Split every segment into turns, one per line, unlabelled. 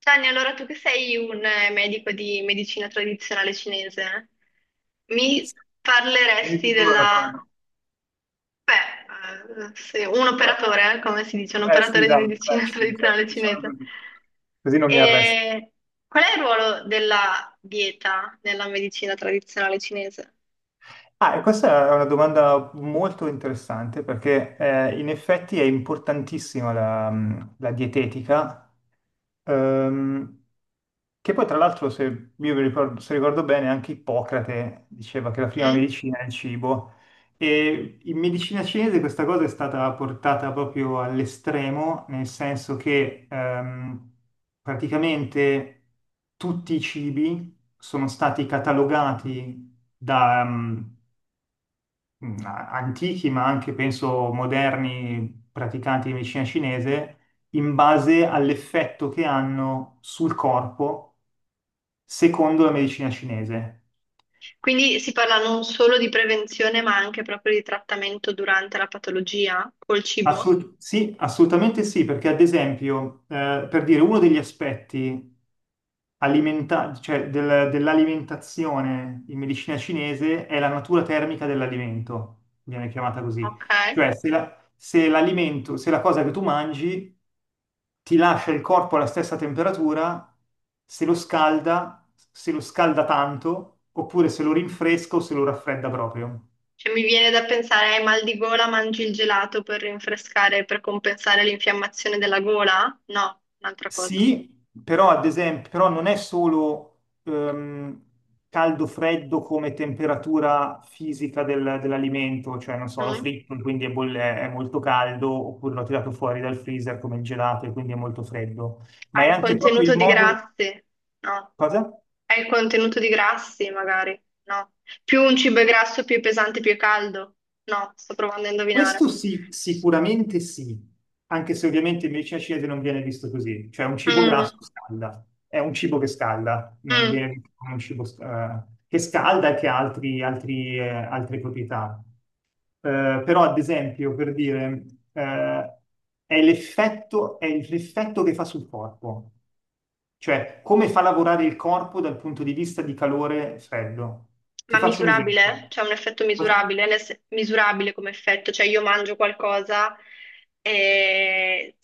Gianni, allora tu che sei un medico di medicina tradizionale cinese, mi
Sei
parleresti
sicuro? Però
della...
no.
Beh, un
Però-
operatore, come si dice, un
Eh sì,
operatore di
dai,
medicina
sì, cioè,
tradizionale
diciamo
cinese.
così. Così non mi arresto.
E qual è il ruolo della dieta nella medicina tradizionale cinese?
Ah, e questa è una domanda molto interessante perché in effetti è importantissima la dietetica, ehm, che poi tra l'altro, se ricordo bene, anche Ippocrate diceva che la prima
Mm?
medicina è il cibo e in medicina cinese questa cosa è stata portata proprio all'estremo, nel senso che praticamente tutti i cibi sono stati catalogati da antichi, ma anche penso moderni praticanti di medicina cinese, in base all'effetto che hanno sul corpo secondo la medicina cinese.
Quindi si parla non solo di prevenzione, ma anche proprio di trattamento durante la patologia col
Ah, sì?
cibo?
Sì, assolutamente sì, perché ad esempio, per dire uno degli aspetti cioè dell'alimentazione in medicina cinese è la natura termica dell'alimento, viene chiamata così.
Ok.
Cioè, se la cosa che tu mangi ti lascia il corpo alla stessa temperatura, se lo scalda, se lo scalda tanto, oppure se lo rinfresca o se lo raffredda proprio.
Cioè, mi viene da pensare, hai mal di gola, mangi il gelato per rinfrescare, per compensare l'infiammazione della gola? No, un'altra cosa.
Sì, però ad esempio, però non è solo caldo-freddo come temperatura fisica dell'alimento, cioè non so, l'ho
Mm?
fritto, quindi è molto caldo, oppure l'ho tirato fuori dal freezer come il gelato e quindi è molto freddo, ma è
Hai il
anche proprio il
contenuto di
modo.
grassi? No.
Cosa?
Hai il contenuto di grassi, magari? No. Più un cibo è grasso, più è pesante, più è caldo? No, sto provando a indovinare.
Questo sì, sicuramente sì, anche se ovviamente in medicina cinese non viene visto così, cioè un cibo grasso
Mm,
scalda, è un cibo che scalda, non
mm.
viene visto come un cibo che scalda e che ha altre proprietà. Però ad esempio, per dire, eh, è l'effetto che fa sul corpo, cioè come fa lavorare il corpo dal punto di vista di calore e freddo. Ti
Ma
faccio un esempio.
misurabile? C'è un effetto misurabile, nel se- misurabile come effetto, cioè io mangio qualcosa e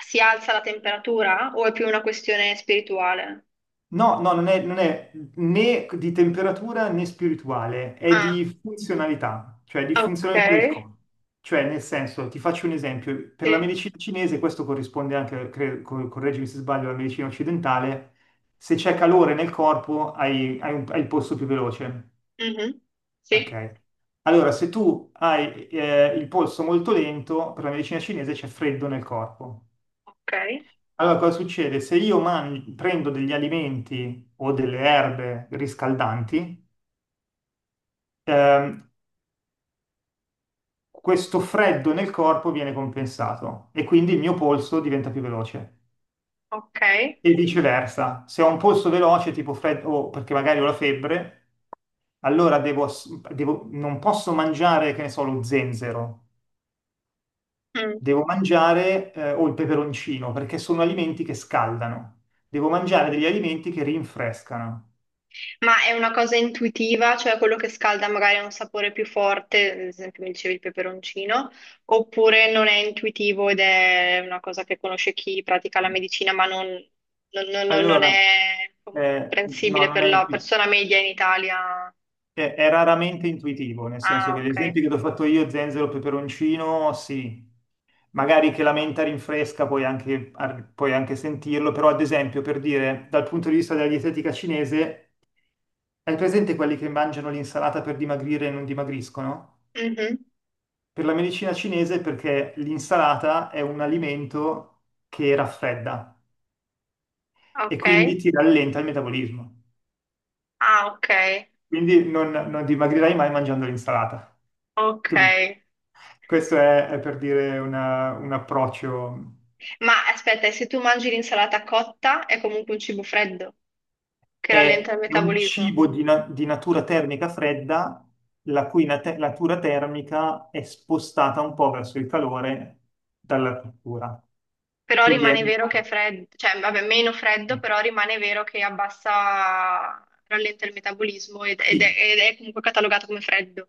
si alza la temperatura o è più una questione spirituale?
No, no, non è né di temperatura né spirituale, è
Ah,
di funzionalità, cioè di
ok,
funzionalità del corpo. Cioè, nel senso, ti faccio un esempio, per la
sì.
medicina cinese, questo corrisponde anche, correggimi se sbaglio, alla medicina occidentale, se c'è calore nel corpo hai il polso più veloce,
Mhm. Sì,
ok? Allora, se tu hai il polso molto lento, per la medicina cinese c'è freddo nel corpo.
ok,
Allora, cosa succede? Se io prendo degli alimenti o delle erbe riscaldanti, ehm, questo freddo nel corpo viene compensato e quindi il mio polso diventa più veloce.
ok.
E viceversa, se ho un polso veloce, tipo freddo, o perché magari ho la febbre, allora non posso mangiare, che ne so, lo zenzero,
Mm.
devo mangiare, o il peperoncino, perché sono alimenti che scaldano. Devo mangiare degli alimenti che rinfrescano.
Ma è una cosa intuitiva, cioè quello che scalda magari ha un sapore più forte, ad esempio mi dicevi il peperoncino, oppure non è intuitivo ed è una cosa che conosce chi pratica la medicina, ma non, non
Allora,
è
no,
comprensibile
non
per
è
la
intuitivo,
persona media in Italia.
è raramente intuitivo, nel senso
Ah,
che gli
ok.
esempi che ti ho fatto io, zenzero, peperoncino, sì, magari che la menta rinfresca puoi anche sentirlo, però ad esempio, per dire, dal punto di vista della dietetica cinese, hai presente quelli che mangiano l'insalata per dimagrire e non dimagriscono?
Mhm.
Per la medicina cinese perché l'insalata è un alimento che raffredda e
Ok.
quindi ti rallenta il metabolismo.
Ah, ok.
Quindi non dimagrirai mai mangiando l'insalata.
Ok.
Capito? Questo è per dire un approccio.
Ma aspetta, e se tu mangi l'insalata cotta è comunque un cibo freddo che rallenta
È
il
è un
metabolismo?
cibo di natura termica fredda, la cui natura termica è spostata un po' verso il calore dalla cottura.
Però
Quindi è
rimane vero
meno.
che è freddo, cioè vabbè, meno freddo, però rimane vero che abbassa, rallenta il metabolismo ed è,
Sì,
ed è comunque catalogato come freddo.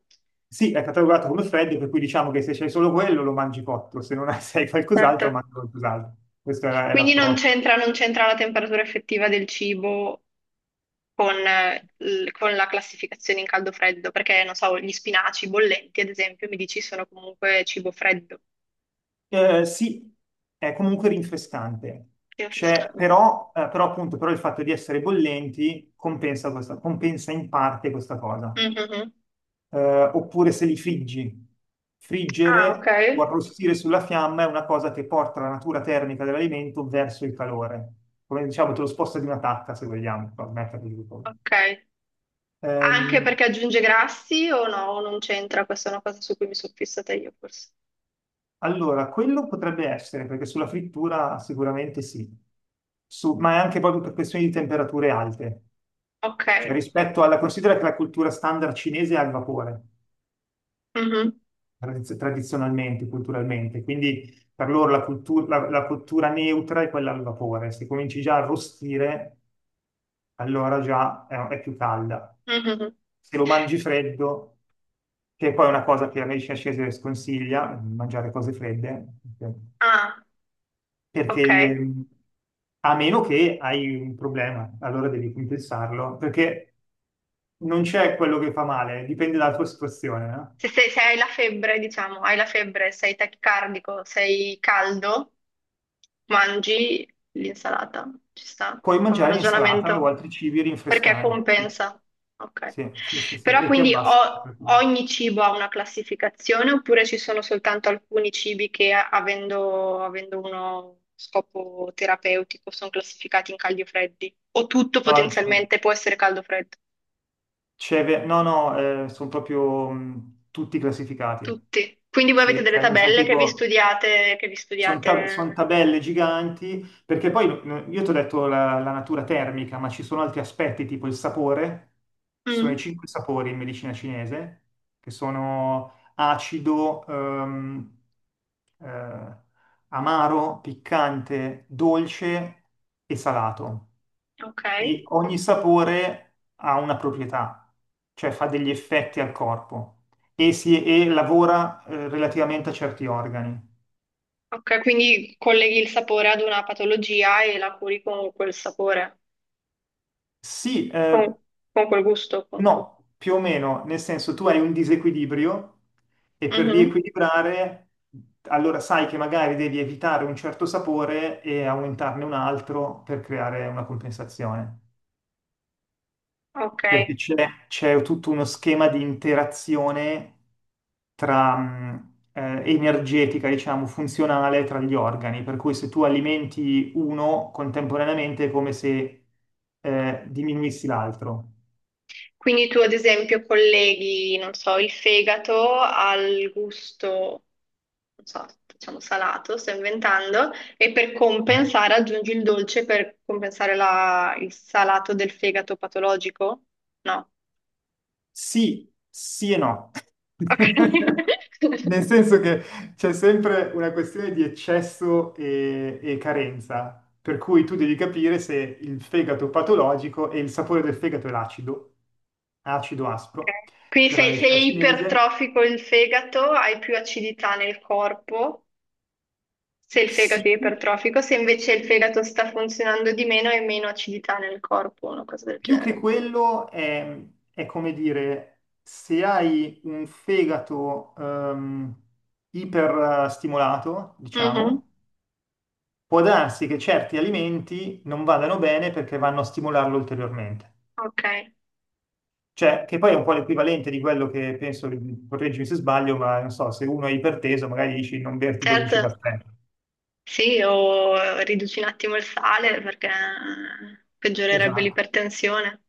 sì, è catalogato come freddo, per cui diciamo che se c'hai solo quello lo mangi cotto, se non hai, se hai qualcos'altro
Certo.
mangi qualcos'altro. Questo è
Quindi
l'approccio.
non c'entra la temperatura effettiva del cibo con, con la classificazione in caldo-freddo, perché non so, gli spinaci bollenti, ad esempio, mi dici sono comunque cibo freddo,
Sì, è comunque rinfrescante.
cibo
C'è-
frescante.
però, eh, però appunto però il fatto di essere bollenti compensa, compensa in parte questa cosa.
Mhm.
Oppure se li friggi,
Ah, ok.
friggere o arrostire sulla fiamma è una cosa che porta la natura termica dell'alimento verso il calore, come diciamo te lo sposta di una tacca se vogliamo, per metterli di colpo.
Ok. Anche
Ehm,
perché aggiunge grassi o no? O non c'entra, questa è una cosa su cui mi sono fissata io forse.
allora, quello potrebbe essere, perché sulla frittura sicuramente sì. Ma è anche proprio per questioni di temperature alte.
Ok.
Cioè, considera che la cultura standard cinese è al vapore,
Mhm.
tradizionalmente, culturalmente, quindi per loro la cultura neutra è quella al vapore. Se cominci già a arrostire, allora già è più calda.
Mhm.
Se lo mangi freddo, che poi è una cosa che la medicina cinese sconsiglia, mangiare cose fredde,
Ah,
perché
ok.
a meno che hai un problema, allora devi compensarlo, perché non c'è quello che fa male, dipende dalla tua situazione, no?
Se hai la febbre, diciamo, hai la febbre, sei tachicardico, sei caldo, mangi l'insalata, ci sta
Puoi
come
mangiare l'insalata o
ragionamento,
altri cibi
perché
rinfrescanti.
compensa. Ok.
Sì, sì, sì, sì,
Però
e ti
quindi
abbassano.
ogni cibo ha una classificazione oppure ci sono soltanto alcuni cibi che avendo uno scopo terapeutico sono classificati in caldi o freddi? O tutto
No,
potenzialmente può essere caldo o freddo?
no, no, sono proprio tutti classificati.
Tutti. Quindi voi avete
Sì,
delle
cioè, nel senso,
tabelle
tipo,
che vi
Sono ta- son
studiate.
tabelle giganti, perché poi no, io ti ho detto la natura termica, ma ci sono altri aspetti, tipo il sapore. Ci sono i
Mm,
cinque sapori in medicina cinese, che sono acido, eh, amaro, piccante, dolce e salato.
ok.
E ogni sapore ha una proprietà, cioè fa degli effetti al corpo e lavora relativamente a certi organi.
Ok, quindi colleghi il sapore ad una patologia e la curi con quel sapore,
Sì,
con, con quel gusto. Con-
no, più o meno, nel senso tu hai un disequilibrio e per
Mhm.
riequilibrare, allora sai che magari devi evitare un certo sapore e aumentarne un altro per creare una compensazione,
Ok,
perché c'è tutto uno schema di interazione tra, energetica, diciamo, funzionale tra gli organi, per cui se tu alimenti uno contemporaneamente è come se diminuissi l'altro.
quindi tu ad esempio colleghi, non so, il fegato al gusto, non so, diciamo salato, sto inventando, e per
Ah.
compensare aggiungi il dolce per compensare il salato del fegato patologico? No.
Sì, sì e no.
Ok.
Nel senso che c'è sempre una questione di eccesso e carenza, per cui tu devi capire se il fegato patologico e il sapore del fegato è l'acido, acido aspro,
Ok. Quindi
per la
se, se è
medicina cinese,
ipertrofico il fegato, hai più acidità nel corpo, se il fegato
sì,
è ipertrofico, se invece il fegato sta funzionando di meno, hai meno acidità nel corpo, una cosa del
più che
genere.
quello è come dire, se hai un fegato iperstimolato,
Mhm.
diciamo, può darsi che certi alimenti non vadano bene perché vanno a stimolarlo ulteriormente.
Ok,
Cioè, che poi è un po' l'equivalente di quello che penso, correggimi se sbaglio, ma non so, se uno è iperteso, magari dici non berti 12
certo,
caffè.
sì, o riduci un attimo il sale perché peggiorerebbe
Esatto.
l'ipertensione.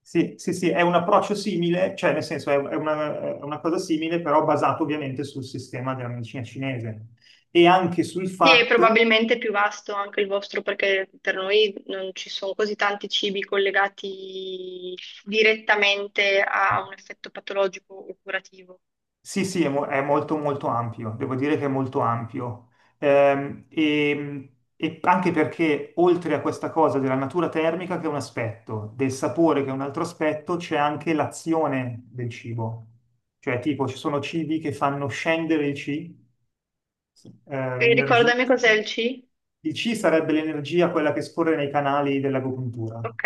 Sì, sì, sì, è un approccio simile, cioè nel senso è una cosa simile, però basato ovviamente sul sistema della medicina cinese e anche sul
Sì, e
fatto.
probabilmente è più vasto anche il vostro perché per noi non ci sono così tanti cibi collegati direttamente a un effetto patologico o curativo.
Sì, sì, è molto molto ampio, devo dire che è molto ampio. E anche perché oltre a questa cosa della natura termica, che è un aspetto, del sapore, che è un altro aspetto, c'è anche l'azione del cibo. Cioè, tipo, ci sono cibi che fanno scendere il C,
E
l'energia,
ricordami cos'è
diciamo.
il C?
Il C sarebbe l'energia, quella che scorre nei canali dell'agopuntura.
Ok,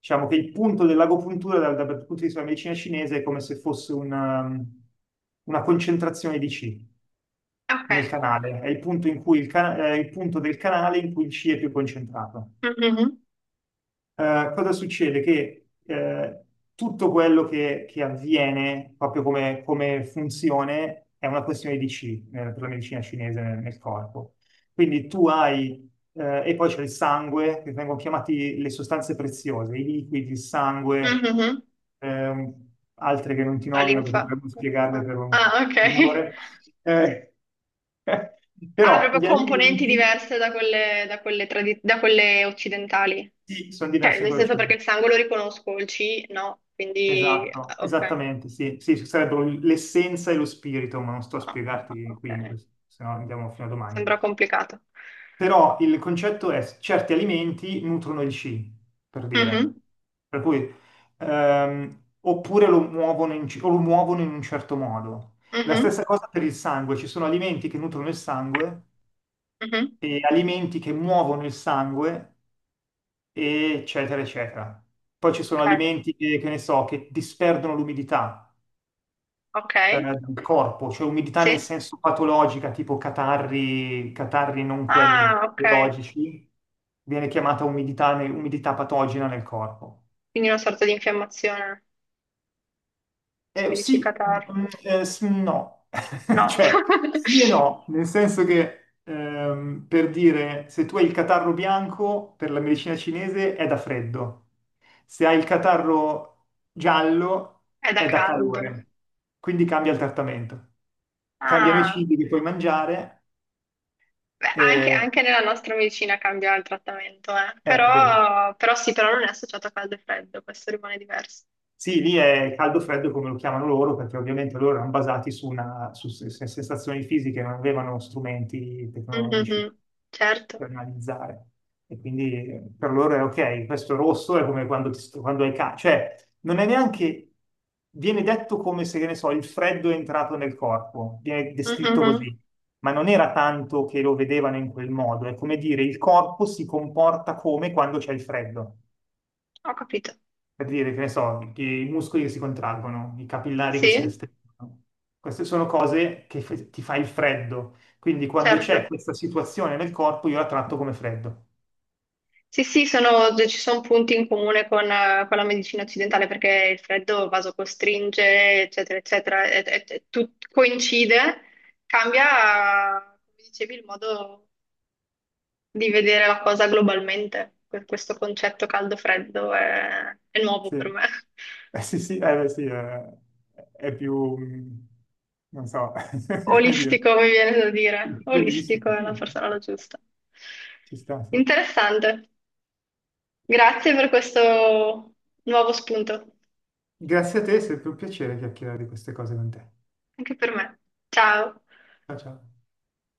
Diciamo che il punto dell'agopuntura dal punto di vista della medicina cinese è come se fosse una concentrazione di Qi
ok.
nel canale, è il punto in cui è il punto del canale in cui il Qi è più concentrato.
Mhm,
Cosa succede? Che tutto quello che avviene proprio come funzione è una questione di Qi, per la medicina cinese nel corpo. Quindi tu hai, e poi c'è il sangue, che vengono chiamati le sostanze preziose, i liquidi, il sangue,
mhm.
altre che non ti
La
nomino perché
linfa.
dovremmo spiegarle per un
Ah, ok.
per un'ora. Eh,
Ha
Però
proprio
gli
componenti
alimenti
diverse da quelle, da quelle occidentali.
sì, sono
Cioè,
diversi da
nel
quello che
senso
ci
perché
sono.
il sangue lo riconosco, il C no, quindi
Esatto,
ah, ok.
esattamente, sì, sì, ci sarebbero l'essenza e lo spirito, ma non sto a
Ah, ah,
spiegarti qui,
ok.
se no andiamo fino a domani.
Sembra complicato.
Però il concetto è certi alimenti nutrono il C, per dire,
Mhm,
per cui oppure lo muovono in un certo modo. La
mhm,
stessa cosa per il sangue, ci sono alimenti che nutrono il sangue
mhm.
e alimenti che muovono il sangue, eccetera, eccetera. Poi ci sono alimenti che ne so, che disperdono l'umidità
Ok, ok,
del corpo, cioè umidità nel
sì.
senso patologica, tipo catarri, catarri non quelli
Ah, ok.
biologici, viene chiamata umidità, umidità patogena nel corpo.
Quindi una sorta di infiammazione, se mi dici
Sì,
catarro.
no,
No,
cioè sì e no, nel senso che per dire se tu hai il catarro bianco per la medicina cinese è da freddo, se hai il catarro giallo
è da
è da
caldo.
calore, quindi cambia il trattamento, cambiano i
Ah,
cibi che puoi mangiare,
beh, anche,
eh,
anche nella nostra medicina cambia il trattamento, eh.
vedi.
Però, però sì, però non è associato a caldo e freddo, questo rimane diverso.
Sì, lì è caldo freddo come lo chiamano loro, perché ovviamente loro erano basati su sensazioni fisiche, non avevano strumenti tecnologici
Mhm. Certo.
per analizzare. E quindi per loro è ok, questo rosso è come quando hai caldo, cioè non è neanche, viene detto come se, che ne so, il freddo è entrato nel corpo, viene descritto
Mhm.
così, ma non era tanto che lo vedevano in quel modo, è come dire il corpo si comporta come quando c'è il freddo
Ho capito.
per dire, che ne so, che i muscoli che si contraggono, i capillari che si
Sì,
restringono. Queste sono cose che ti fa il freddo. Quindi quando c'è
certo.
questa situazione nel corpo, io la tratto come freddo.
Sì, sì, ci sono punti in comune con la medicina occidentale perché il freddo vasocostringe, eccetera, eccetera, coincide, cambia, come dicevi, il modo di vedere la cosa globalmente. Questo concetto caldo-freddo è nuovo
Sì.
per me.
Sì, sì, beh, sì, è più, non so, come dire,
Olistico, mi viene da dire. Olistico
piccolistico.
è la
Sì,
forse
sì,
la
sì,
giusta.
ci sta, sì.
Interessante. Grazie per questo nuovo spunto,
Grazie a te, è sempre un piacere chiacchierare di queste cose con te.
anche per me. Ciao.
Ciao, ciao.